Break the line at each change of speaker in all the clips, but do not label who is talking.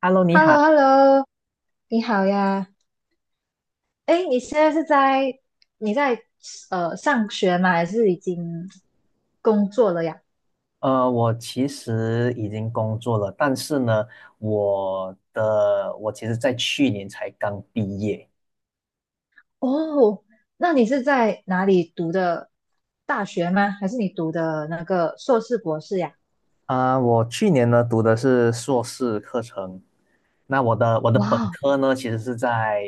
Hello，你
h e l l o h
好。
e l l o 你好呀。哎，你现在是在你在上学吗？还是已经工作了呀？
我其实已经工作了，但是呢，我其实在去年才刚毕业
哦，那你是在哪里读的大学吗？还是你读的那个硕士博士呀？
我去年呢读的是硕士课程，那我的本
哇
科呢其实是在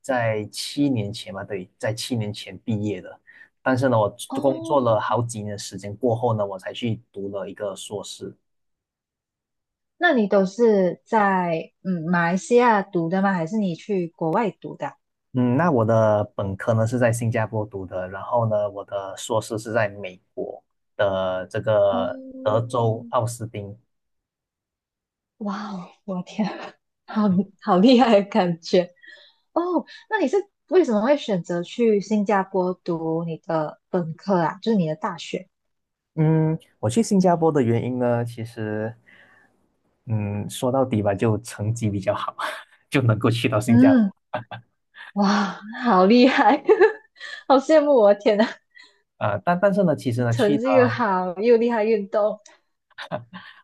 在七年前吧，对，在七年前毕业的，但是呢，我工
哦，
作
哦，
了好几年时间过后呢，我才去读了一个硕士。
那你都是在马来西亚读的吗？还是你去国外读的啊？
嗯，那我的本科呢是在新加坡读的，然后呢，我的硕士是在美国的这个德
哦，
州奥斯汀。
哇哦，我天啊，好好厉害的感觉。哦，那你是为什么会选择去新加坡读你的本科啊？就是你的大学？
嗯，我去新加坡的原因呢，其实，嗯，说到底吧，就成绩比较好，就能够去到新加坡，
嗯，哇，好厉害，好羡慕我！天呐，
但是呢，其实呢，去
成绩又
到
好，又厉害运动。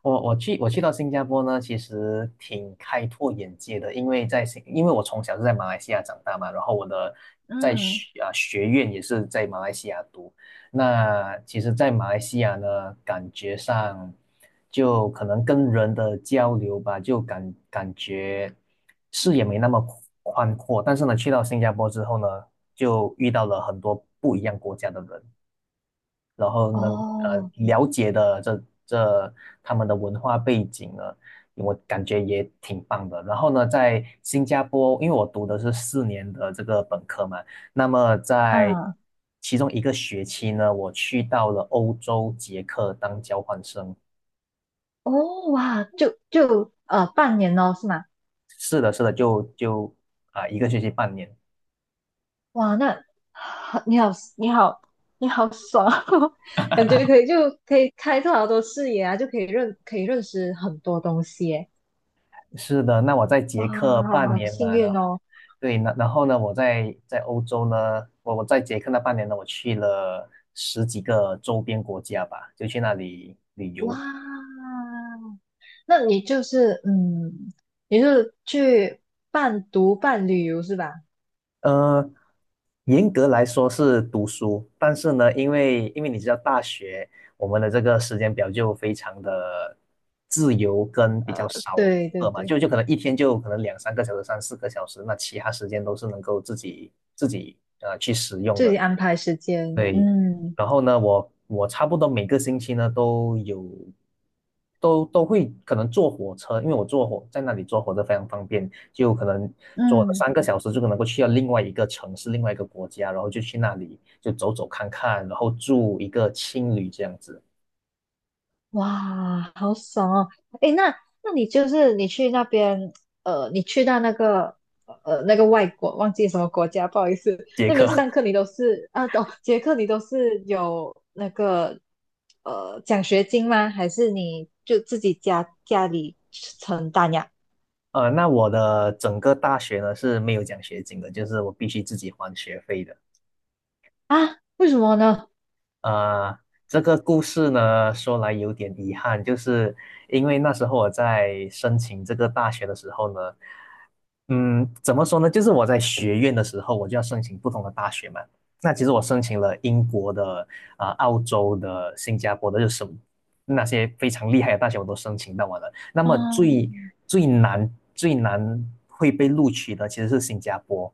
我我去我去到新加坡呢，其实挺开拓眼界的，因为因为我从小是在马来西亚长大嘛，然后我的在
嗯，
学啊学院也是在马来西亚读。那其实，在马来西亚呢，感觉上就可能跟人的交流吧，就感觉视野没那么宽阔。但是呢，去到新加坡之后呢，就遇到了很多不一样国家的人。然后能
哦，
了解的这他们的文化背景呢，我感觉也挺棒的。然后呢，在新加坡，因为我读的是四年的这个本科嘛，那么在
嗯，
其中一个学期呢，我去到了欧洲捷克当交换生。
哦，哇，就半年哦，是吗？
是的，是的，就一个学期半年。
哇，那你好，你好，你好爽哦，感觉可以可以开拓好多视野啊，就可以可以认识很多东西耶。
是的，那我在捷克半
哇，好
年
幸
嘛，然
运
后
哦！
对，那然后呢，我在欧洲呢，我在捷克那半年呢，我去了十几个周边国家吧，就去那里旅
哇，
游。
那你就是嗯，你是去半读半旅游是吧？
呃，严格来说是读书，但是呢，因为你知道大学我们的这个时间表就非常的自由跟比较
呃，
少
对对
课嘛，
对，
就可能一天就可能两三个小时、三四个小时，那其他时间都是能够自己去使用
自
的。
己安排时间，
对，
嗯。
然后呢，我差不多每个星期呢都有，都会可能坐火车，因为我在那里坐火车非常方便，就可能坐
嗯，
三个小时就能够去到另外一个城市、另外一个国家，然后就去那里就走走看看，然后住一个青旅这样子，
哇，好爽哦！诶，那你就是你去那边，呃，你去到那个外国，忘记什么国家，不好意思，
杰
那边
克。
上 课你都是啊，哦，捷克你都是有那个奖学金吗？还是你就自己家里承担呀？
那我的整个大学呢是没有奖学金的，就是我必须自己还学费的。
啊，为什么呢？
呃，这个故事呢，说来有点遗憾，就是因为那时候我在申请这个大学的时候呢，嗯，怎么说呢？就是我在学院的时候，我就要申请不同的大学嘛。那其实我申请了英国的、澳洲的、新加坡的，就是什么那些非常厉害的大学我都申请到完了。那么最
啊，
最难最难会被录取的其实是新加坡，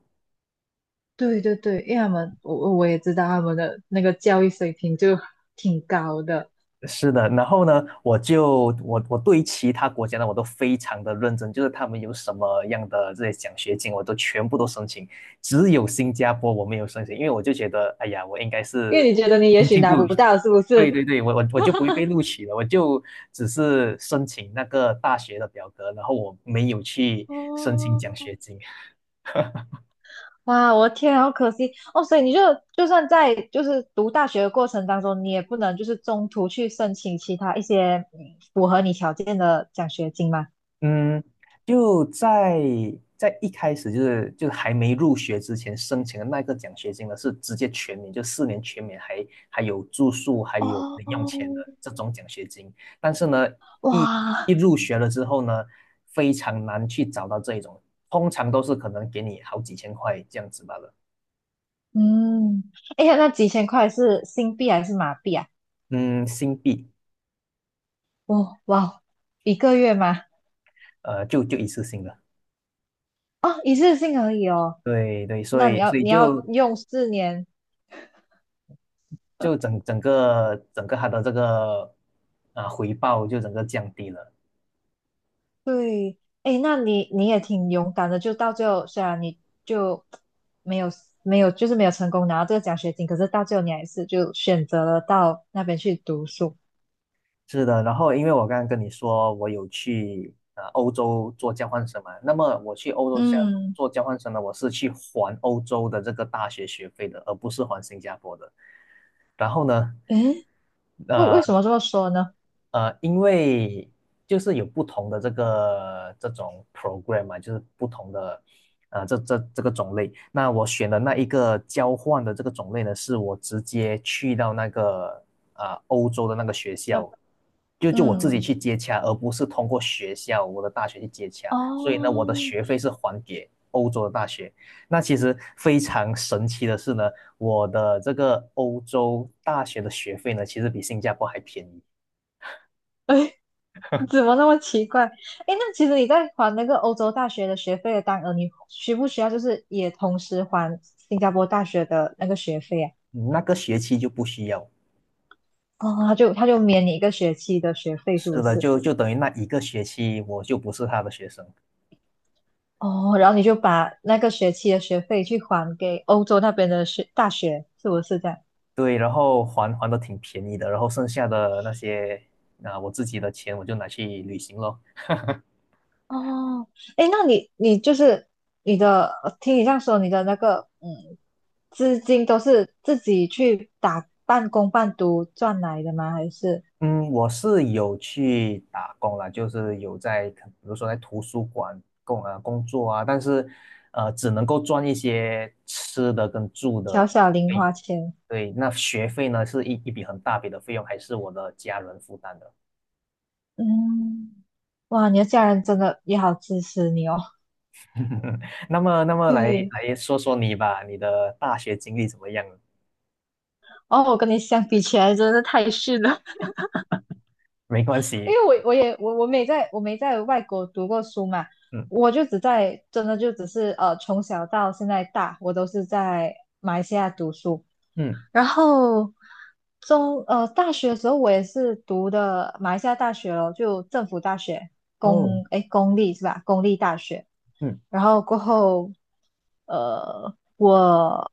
对对对，因为他们我也知道他们的那个教育水平就挺高的，
是的，然后呢，我就我我对其他国家呢，我都非常的认真，就是他们有什么样的这些奖学金，我都全部都申请，只有新加坡我没有申请，因为我就觉得，哎呀，我应该
因
是
为你觉得你也
经
许
济部，
拿不到，是不
对
是？
对对，我就不会被录取了，我就只是申请那个大学的表格，然后我没有去申请
哦，
奖学金，
哇，我的天啊好可惜哦！所以你就就算在就是读大学的过程当中，你也不能就是中途去申请其他一些符合你条件的奖学金吗？
嗯，就在一开始就是还没入学之前申请的那个奖学金呢，是直接全免，就四年全免还，还有住宿，还有零用钱的
哦，
这种奖学金。但是呢，一
哇，
一入学了之后呢，非常难去找到这一种，通常都是可能给你好几千块这样子罢了。
嗯，哎呀，那几千块是新币还是马币啊？
嗯，新币，
哦，哇哦，一个月吗？
就一次性的。
哦，一次性而已哦。
对对，所
那你
以
要
所以就
用四年。
就整个它的这个回报就整个降低了。
对，哎，那你你也挺勇敢的，就到最后，虽然你就没有没有，就是没有成功拿到这个奖学金，可是到最后你还是就选择了到那边去读书。
是的，然后因为我刚刚跟你说我有去欧洲做交换生嘛，那么我去欧洲
嗯，
做交换生呢，我是去还欧洲的这个大学学费的，而不是还新加坡的。然后呢，
诶，
呃
为什么这么说呢？
因为就是有不同的这个这种 program 嘛，就是不同的这个种类。那我选的那一个交换的这个种类呢，是我直接去到那个欧洲的那个学
那
校就我自
嗯，
己去接洽，而不是通过学校我的大学去接洽。所以呢，我的
哦，
学费是还给欧洲的大学。那其实非常神奇的是呢，我的这个欧洲大学的学费呢，其实比新加坡还便宜。
哎，怎么那么奇怪？哎，那其实你在还那个欧洲大学的学费的当额，你需不需要就是也同时还新加坡大学的那个学费啊？
嗯那个学期就不需要。
哦，他就免你一个学期的学费，是不
是的，
是？
就等于那一个学期我就不是他的学生。
哦，然后你就把那个学期的学费去还给欧洲那边的大学，是不是这样？
对，然后还的挺便宜的，然后剩下的那些我自己的钱我就拿去旅行咯。
哦，诶，那你就是你的，听你这样说，你的那个嗯，资金都是自己去打半工半读赚来的吗？还是
嗯，我是有去打工啦，就是可比如说在图书馆工作啊，但是只能够赚一些吃的跟住的
小小
费
零
用。
花钱？
对，那学费呢是一笔很大笔的费用，还是我的家人负担的。
嗯，哇，你的家人真的也好支持你哦。
那么来
对，
来说说你吧，你的大学经历怎么样？
哦，我跟你相比起来，真的是太逊了。
没关
因
系，
为我我没在没在外国读过书嘛，
嗯
我就只在真的就只是从小到现在大，我都是在马来西亚读书，
嗯，
然后大学的时候我也是读的马来西亚大学咯，就政府大学，
哦，
公立是吧？公立大学。
嗯，
然后过后，呃，我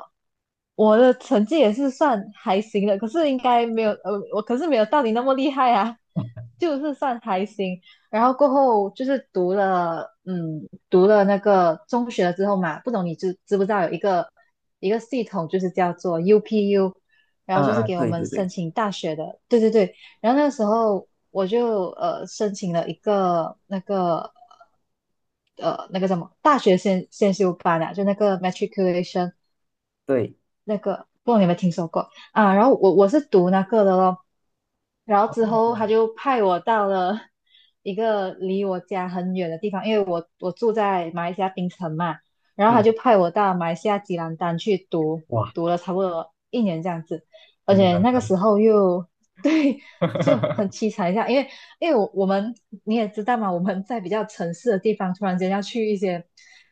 我的成绩也是算还行的，可是应该没有，我可是没有到你那么厉害啊，就是算还行。然后过后就是读了，嗯，读了那个中学了之后嘛，不懂你知不知道有一个一个系统，就是叫做 UPU,然
啊
后就是
啊，
给我
对
们
对
申
对
请大学的，对对对。然后那个时候我就申请了一个那个叫什么大学先修班啊，就那个 matriculation
对，
那个，不知道你有没有听说过啊？然后我是读那个的咯，然后之后他就派我到了一个离我家很远的地方，因为我住在马来西亚槟城嘛，然后他
嗯，
就派我到马来西亚吉兰丹去读，
哇，
读了差不多一年这样子，而
你
且
难
那个时
堪，
候又 对，就很 凄惨一下，因为我们你也知道嘛，我们在比较城市的地方，突然间要去一些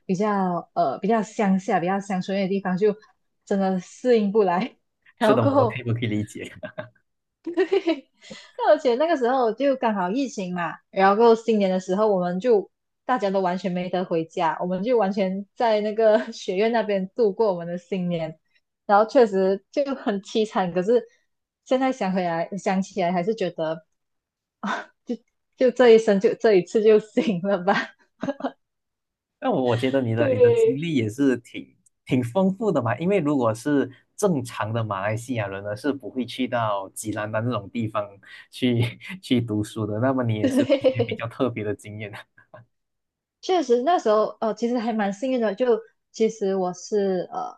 比较比较乡下、比较乡村的地方，就真的适应不来，然
是
后
的，
过
我我可
后。
以我可以理解。
而且那个时候就刚好疫情嘛，然后新年的时候我们就大家都完全没得回家，我们就完全在那个 学院那边度过我们的新年，然后确实就很凄惨。可是现在，想起来还是觉得，这一生就这一次就 行了吧。
那我觉得你 的你的经
对，
历也是挺丰富的嘛，因为如果是正常的马来西亚人呢，是不会去到吉兰丹这种地方去 去读书的。那么你也是有一些比
对，
较特别的经验的。
确实那时候哦，其实还蛮幸运的。就其实我是呃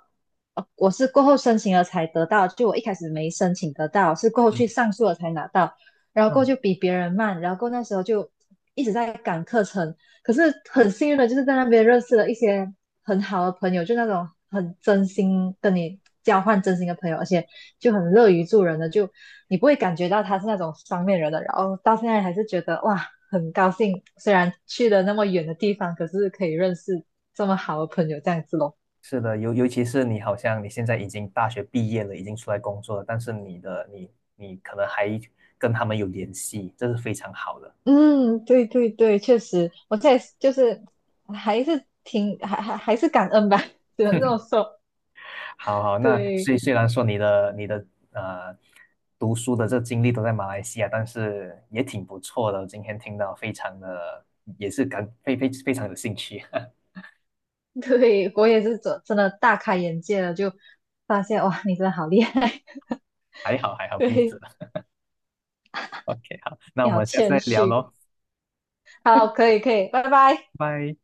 呃我是过后申请了才得到，就我一开始没申请得到，是过后
嗯
去上诉了才拿到，然后过后
嗯，
就比别人慢，然后过后那时候就一直在赶课程，可是很幸运的就是在那边认识了一些很好的朋友，就那种很真心跟你交换真心的朋友，而且就很乐于助人的，就你不会感觉到他是那种双面人的，然后到现在还是觉得哇，很高兴，虽然去了那么远的地方，可是可以认识这么好的朋友这样子咯。
是的，尤其是你好像你现在已经大学毕业了，已经出来工作了，但是你的你你可能还跟他们有联系，这是非常好的。
嗯，对对对，确实，我现在就是还是挺还是感恩吧，只能这么说。
好好，那
对
虽然说你的呃读书的这经历都在马来西亚，但是也挺不错的。今天听到非常的也是感非非非常有兴趣，
对，我也是真真的大开眼界了，就发现哇，你真的好厉害，
还好还 好，彼
对，
此。OK，好，那
你
我
好
们下次再
谦
聊
虚。
喽，
好，可以可以，拜拜。
拜。